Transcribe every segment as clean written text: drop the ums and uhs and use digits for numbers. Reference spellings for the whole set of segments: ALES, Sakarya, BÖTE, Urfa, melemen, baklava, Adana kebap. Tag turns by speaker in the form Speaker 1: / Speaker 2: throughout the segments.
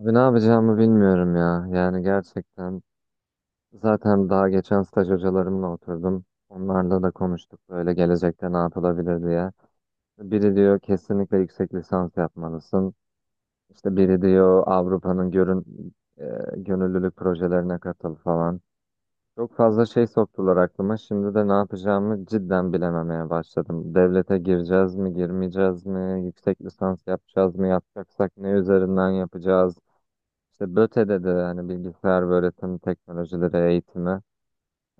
Speaker 1: Abi ne yapacağımı bilmiyorum ya. Yani gerçekten zaten daha geçen staj hocalarımla oturdum. Onlarla da konuştuk böyle gelecekte ne yapılabilir diye. Biri diyor kesinlikle yüksek lisans yapmalısın. İşte biri diyor Avrupa'nın görün, e, gönüllülük projelerine katıl falan. Çok fazla şey soktular aklıma. Şimdi de ne yapacağımı cidden bilememeye başladım. Devlete gireceğiz mi, girmeyeceğiz mi? Yüksek lisans yapacağız mı? Yapacaksak ne üzerinden yapacağız? İşte BÖTE'de de hani bilgisayar ve öğretim teknolojileri eğitimi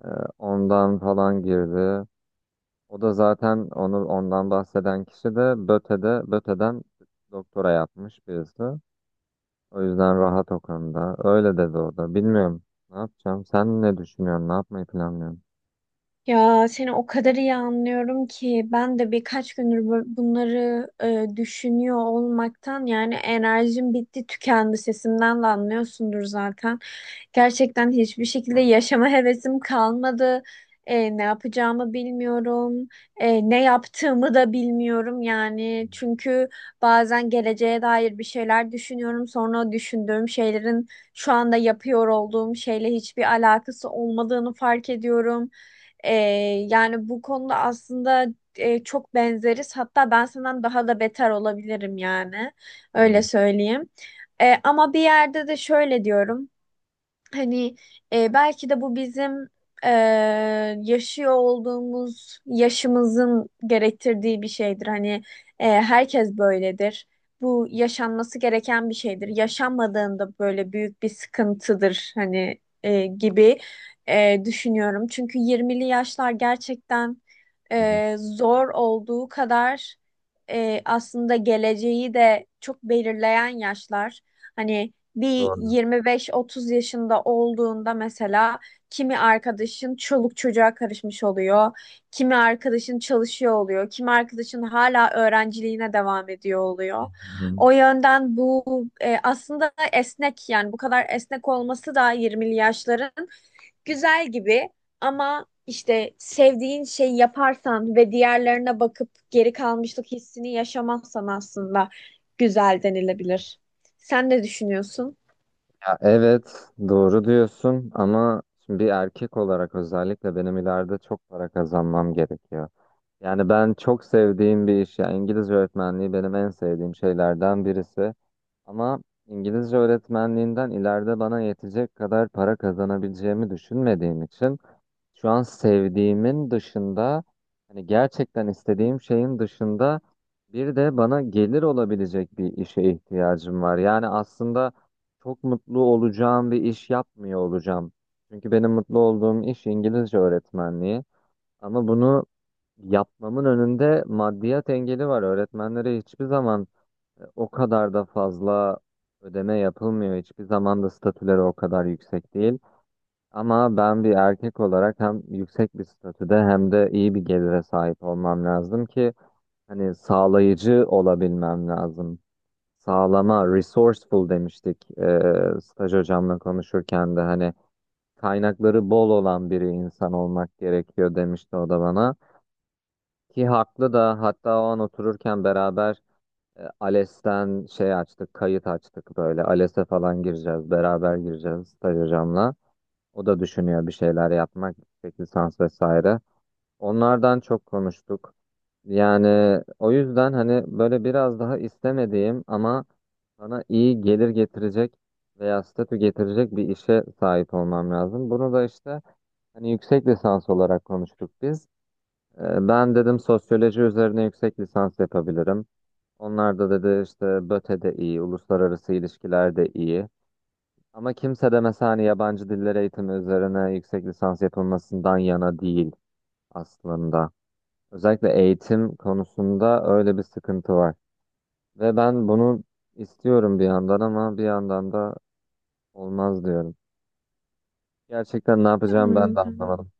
Speaker 1: e, ondan falan girdi. O da zaten onu ondan bahseden kişi de BÖTE'den doktora yapmış birisi. O yüzden rahat o konuda. Öyle dedi o da. Bilmiyorum. Ne yapacağım? Sen ne düşünüyorsun? Ne yapmayı planlıyorsun?
Speaker 2: Ya seni o kadar iyi anlıyorum ki ben de birkaç gündür bunları düşünüyor olmaktan yani enerjim bitti tükendi sesimden de anlıyorsundur zaten. Gerçekten hiçbir şekilde yaşama hevesim kalmadı. Ne yapacağımı bilmiyorum. Ne yaptığımı da bilmiyorum yani. Çünkü bazen geleceğe dair bir şeyler düşünüyorum. Sonra o düşündüğüm şeylerin şu anda yapıyor olduğum şeyle hiçbir alakası olmadığını fark ediyorum. Ee, Yani bu konuda aslında çok benzeriz. Hatta ben senden daha da beter olabilirim yani. Öyle
Speaker 1: Hı
Speaker 2: söyleyeyim. Ama bir yerde de şöyle diyorum. Hani belki de bu bizim e, yaşıyor olduğumuz yaşımızın gerektirdiği bir şeydir. Hani herkes böyledir. Bu yaşanması gereken bir şeydir. Yaşanmadığında böyle büyük bir sıkıntıdır hani gibi düşünüyorum. Çünkü 20'li yaşlar gerçekten
Speaker 1: hı.
Speaker 2: zor olduğu kadar aslında geleceği de çok belirleyen yaşlar. Hani bir
Speaker 1: Doğru.
Speaker 2: 25-30 yaşında olduğunda mesela kimi arkadaşın çoluk çocuğa karışmış oluyor, kimi arkadaşın çalışıyor oluyor, kimi arkadaşın hala öğrenciliğine devam ediyor
Speaker 1: Hı
Speaker 2: oluyor.
Speaker 1: hı.
Speaker 2: O yönden bu aslında esnek yani bu kadar esnek olması da 20'li yaşların güzel gibi ama işte sevdiğin şeyi yaparsan ve diğerlerine bakıp geri kalmışlık hissini yaşamazsan aslında güzel denilebilir. Sen ne düşünüyorsun?
Speaker 1: Ya evet, doğru diyorsun ama şimdi bir erkek olarak özellikle benim ileride çok para kazanmam gerekiyor. Yani ben çok sevdiğim bir iş. Yani İngilizce öğretmenliği benim en sevdiğim şeylerden birisi. Ama İngilizce öğretmenliğinden ileride bana yetecek kadar para kazanabileceğimi düşünmediğim için şu an sevdiğimin dışında hani gerçekten istediğim şeyin dışında bir de bana gelir olabilecek bir işe ihtiyacım var. Yani aslında çok mutlu olacağım bir iş yapmıyor olacağım. Çünkü benim mutlu olduğum iş İngilizce öğretmenliği. Ama bunu yapmamın önünde maddiyat engeli var. Öğretmenlere hiçbir zaman o kadar da fazla ödeme yapılmıyor. Hiçbir zaman da statüleri o kadar yüksek değil. Ama ben bir erkek olarak hem yüksek bir statüde hem de iyi bir gelire sahip olmam lazım ki hani sağlayıcı olabilmem lazım. Sağlama, resourceful demiştik, staj hocamla konuşurken de hani kaynakları bol olan biri insan olmak gerekiyor demişti o da bana. Ki haklı da hatta o an otururken beraber ALES'ten şey açtık, kayıt açtık böyle. ALES'e falan gireceğiz, beraber gireceğiz staj hocamla. O da düşünüyor bir şeyler yapmak, yüksek lisans vesaire. Onlardan çok konuştuk. Yani o yüzden hani böyle biraz daha istemediğim ama bana iyi gelir getirecek veya statü getirecek bir işe sahip olmam lazım. Bunu da işte hani yüksek lisans olarak konuştuk biz. Ben dedim sosyoloji üzerine yüksek lisans yapabilirim. Onlar da dedi işte BÖTE de iyi, uluslararası ilişkiler de iyi. Ama kimse de mesela hani yabancı diller eğitimi üzerine yüksek lisans yapılmasından yana değil aslında. Özellikle eğitim konusunda öyle bir sıkıntı var. Ve ben bunu istiyorum bir yandan ama bir yandan da olmaz diyorum. Gerçekten ne yapacağım ben de
Speaker 2: Anladım.
Speaker 1: anlamadım.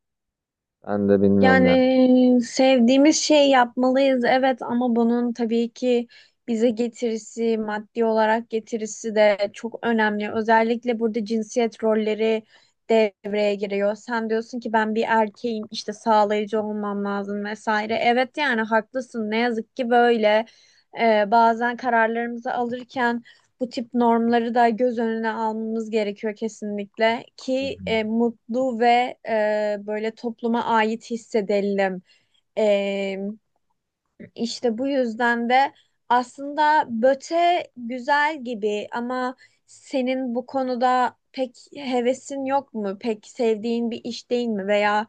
Speaker 1: Ben de bilmiyorum yani.
Speaker 2: Yani sevdiğimiz şey yapmalıyız, evet, ama bunun tabii ki bize getirisi, maddi olarak getirisi de çok önemli. Özellikle burada cinsiyet rolleri devreye giriyor. Sen diyorsun ki ben bir erkeğim işte sağlayıcı olmam lazım vesaire. Evet yani haklısın, ne yazık ki böyle. Bazen kararlarımızı alırken bu tip normları da göz önüne almamız gerekiyor kesinlikle
Speaker 1: Hı
Speaker 2: ki
Speaker 1: hı.
Speaker 2: mutlu ve böyle topluma ait hissedelim. E, işte bu yüzden de aslında BÖTE güzel gibi ama senin bu konuda pek hevesin yok mu? Pek sevdiğin bir iş değil mi? Veya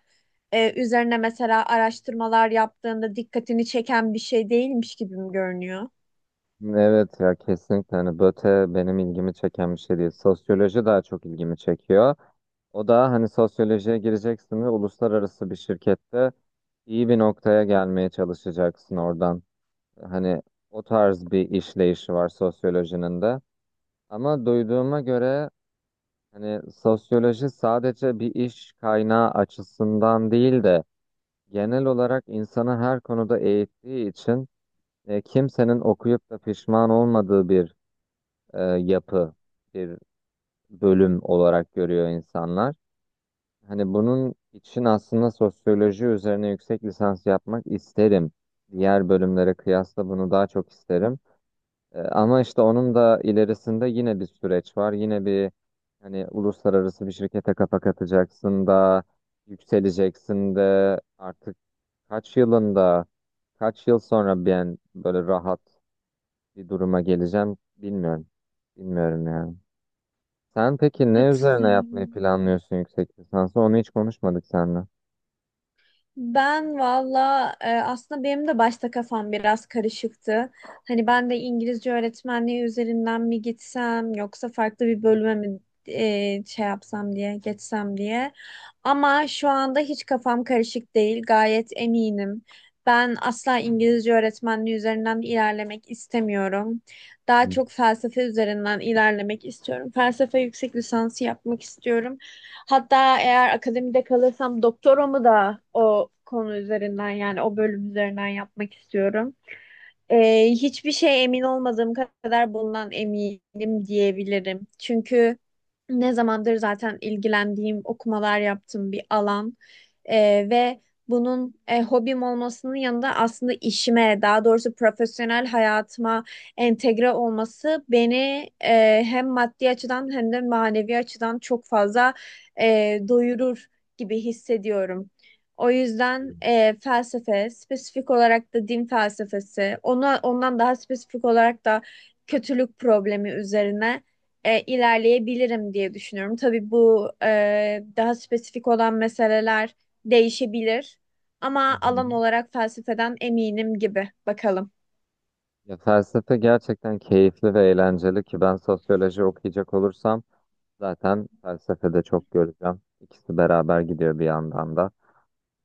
Speaker 2: üzerine mesela araştırmalar yaptığında dikkatini çeken bir şey değilmiş gibi mi görünüyor?
Speaker 1: Evet ya, kesinlikle hani BÖTE benim ilgimi çeken bir şey değil. Sosyoloji daha çok ilgimi çekiyor. O da hani sosyolojiye gireceksin ve uluslararası bir şirkette iyi bir noktaya gelmeye çalışacaksın oradan. Hani o tarz bir işleyişi var sosyolojinin de. Ama duyduğuma göre hani sosyoloji sadece bir iş kaynağı açısından değil de genel olarak insanı her konuda eğittiği için kimsenin okuyup da pişman olmadığı bir yapı, bir bölüm olarak görüyor insanlar. Hani bunun için aslında sosyoloji üzerine yüksek lisans yapmak isterim. Diğer bölümlere kıyasla bunu daha çok isterim. Ama işte onun da ilerisinde yine bir süreç var. Yine bir hani uluslararası bir şirkete kafa katacaksın da yükseleceksin de artık kaç yılında kaç yıl sonra ben böyle rahat bir duruma geleceğim bilmiyorum. Bilmiyorum yani. Sen peki ne üzerine yapmayı
Speaker 2: Katılıyorum.
Speaker 1: planlıyorsun yüksek lisansı? Onu hiç konuşmadık seninle.
Speaker 2: Ben valla aslında benim de başta kafam biraz karışıktı. Hani ben de İngilizce öğretmenliği üzerinden mi gitsem yoksa farklı bir bölüme mi şey yapsam diye geçsem diye. Ama şu anda hiç kafam karışık değil. Gayet eminim. Ben asla İngilizce öğretmenliği üzerinden ilerlemek istemiyorum. Daha
Speaker 1: Hı.
Speaker 2: çok felsefe üzerinden ilerlemek istiyorum. Felsefe yüksek lisansı yapmak istiyorum. Hatta eğer akademide kalırsam doktoramı da o konu üzerinden yani o bölüm üzerinden yapmak istiyorum. Hiçbir şey emin olmadığım kadar bundan eminim diyebilirim. Çünkü ne zamandır zaten ilgilendiğim, okumalar yaptığım bir alan. Ve bunun hobim olmasının yanında aslında işime, daha doğrusu profesyonel hayatıma entegre olması beni hem maddi açıdan hem de manevi açıdan çok fazla doyurur gibi hissediyorum. O yüzden felsefe, spesifik olarak da din felsefesi, ondan daha spesifik olarak da kötülük problemi üzerine ilerleyebilirim diye düşünüyorum. Tabii bu daha spesifik olan meseleler değişebilir
Speaker 1: Hı
Speaker 2: ama
Speaker 1: hı.
Speaker 2: alan olarak felsefeden eminim gibi. Bakalım.
Speaker 1: Ya felsefe gerçekten keyifli ve eğlenceli ki ben sosyoloji okuyacak olursam zaten felsefede çok göreceğim. İkisi beraber gidiyor bir yandan da.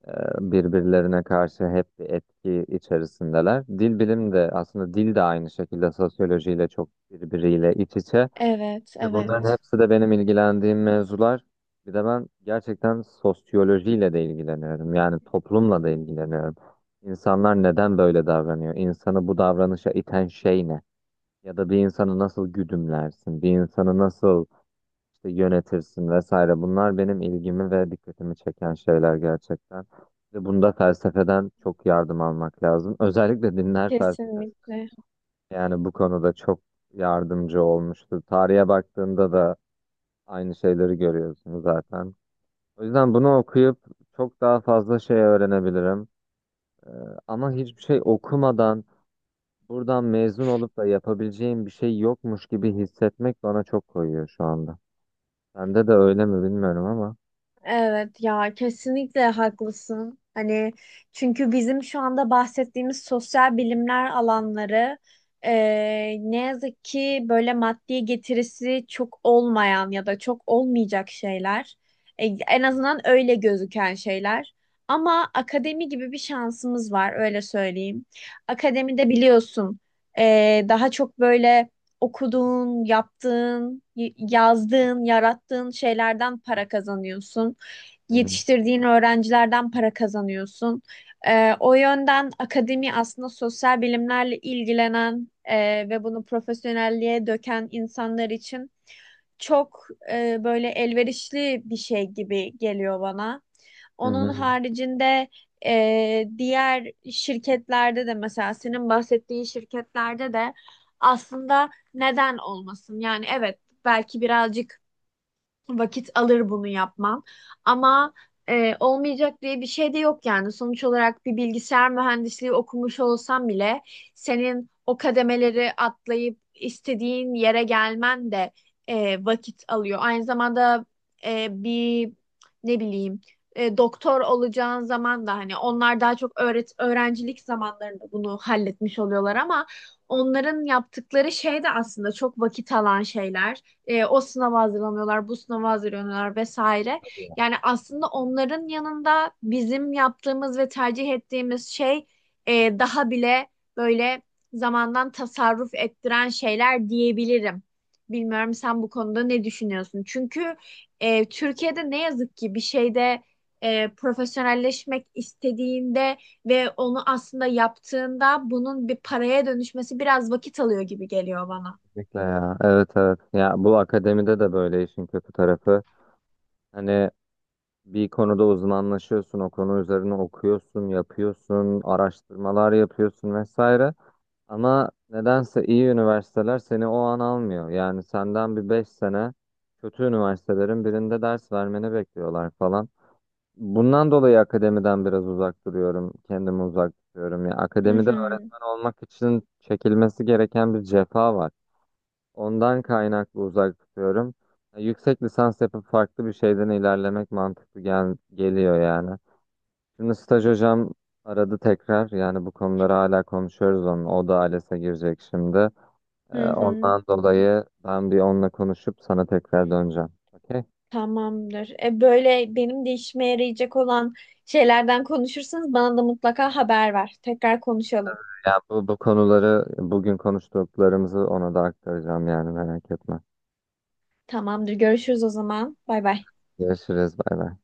Speaker 1: Ee, Birbirlerine karşı hep bir etki içerisindeler. Dil bilim de aslında dil de aynı şekilde sosyolojiyle çok birbiriyle iç içe.
Speaker 2: Evet,
Speaker 1: Ve bunların
Speaker 2: evet.
Speaker 1: hepsi de benim ilgilendiğim mevzular. Bir de ben gerçekten sosyolojiyle de ilgileniyorum. Yani toplumla da ilgileniyorum. İnsanlar neden böyle davranıyor? İnsanı bu davranışa iten şey ne? Ya da bir insanı nasıl güdümlersin? Bir insanı nasıl işte yönetirsin vesaire. Bunlar benim ilgimi ve dikkatimi çeken şeyler gerçekten. Ve bunda felsefeden çok yardım almak lazım. Özellikle dinler felsefesi.
Speaker 2: Kesinlikle.
Speaker 1: Yani bu konuda çok yardımcı olmuştu. Tarihe baktığında da aynı şeyleri görüyorsunuz zaten. O yüzden bunu okuyup çok daha fazla şey öğrenebilirim. Ama hiçbir şey okumadan buradan mezun olup da yapabileceğim bir şey yokmuş gibi hissetmek bana çok koyuyor şu anda. Sende de öyle mi bilmiyorum ama.
Speaker 2: Evet ya, kesinlikle haklısın. Hani çünkü bizim şu anda bahsettiğimiz sosyal bilimler alanları ne yazık ki böyle maddi getirisi çok olmayan ya da çok olmayacak şeyler. En azından öyle gözüken şeyler. Ama akademi gibi bir şansımız var, öyle söyleyeyim. Akademide biliyorsun daha çok böyle okuduğun, yaptığın, yazdığın, yarattığın şeylerden para kazanıyorsun,
Speaker 1: Hı hı.
Speaker 2: yetiştirdiğin öğrencilerden para kazanıyorsun. O yönden akademi aslında sosyal bilimlerle ilgilenen ve bunu profesyonelliğe döken insanlar için çok böyle elverişli bir şey gibi geliyor bana.
Speaker 1: Hı
Speaker 2: Onun
Speaker 1: hı.
Speaker 2: haricinde diğer şirketlerde de mesela senin bahsettiğin şirketlerde de aslında neden olmasın? Yani evet, belki birazcık vakit alır bunu yapmam. Ama olmayacak diye bir şey de yok yani. Sonuç olarak bir bilgisayar mühendisliği okumuş olsam bile senin o kademeleri atlayıp istediğin yere gelmen de vakit alıyor. Aynı zamanda bir ne bileyim doktor olacağın zaman da hani onlar daha çok öğrencilik zamanlarında bunu halletmiş oluyorlar ama onların yaptıkları şey de aslında çok vakit alan şeyler. O sınava hazırlanıyorlar, bu sınava hazırlanıyorlar vesaire. Yani aslında onların yanında bizim yaptığımız ve tercih ettiğimiz şey daha bile böyle zamandan tasarruf ettiren şeyler diyebilirim. Bilmiyorum, sen bu konuda ne düşünüyorsun? Çünkü Türkiye'de ne yazık ki bir şeyde profesyonelleşmek istediğinde ve onu aslında yaptığında bunun bir paraya dönüşmesi biraz vakit alıyor gibi geliyor bana.
Speaker 1: Kesinlikle ya. Evet, evet. Ya bu akademide de böyle işin kötü tarafı. Hani bir konuda uzmanlaşıyorsun, o konu üzerine okuyorsun, yapıyorsun, araştırmalar yapıyorsun vesaire. Ama nedense iyi üniversiteler seni o an almıyor. Yani senden bir 5 sene kötü üniversitelerin birinde ders vermeni bekliyorlar falan. Bundan dolayı akademiden biraz uzak duruyorum. Kendimi uzak tutuyorum. Ya
Speaker 2: Hı
Speaker 1: akademide
Speaker 2: hı.
Speaker 1: öğretmen olmak için çekilmesi gereken bir cefa var. Ondan kaynaklı uzak tutuyorum. Ya yüksek lisans yapıp farklı bir şeyden ilerlemek mantıklı gel geliyor yani. Şimdi staj hocam aradı tekrar. Yani bu konuları hala konuşuyoruz onun. O da ALES'e girecek şimdi.
Speaker 2: Hı hı.
Speaker 1: Ondan dolayı ben bir onunla konuşup sana tekrar döneceğim. Okey?
Speaker 2: Tamamdır. Böyle benim de işime yarayacak olan şeylerden konuşursanız bana da mutlaka haber ver. Tekrar konuşalım.
Speaker 1: Yani bu konuları bugün konuştuklarımızı ona da aktaracağım yani merak etme.
Speaker 2: Tamamdır. Görüşürüz o zaman. Bay bay.
Speaker 1: Görüşürüz. Bay bay.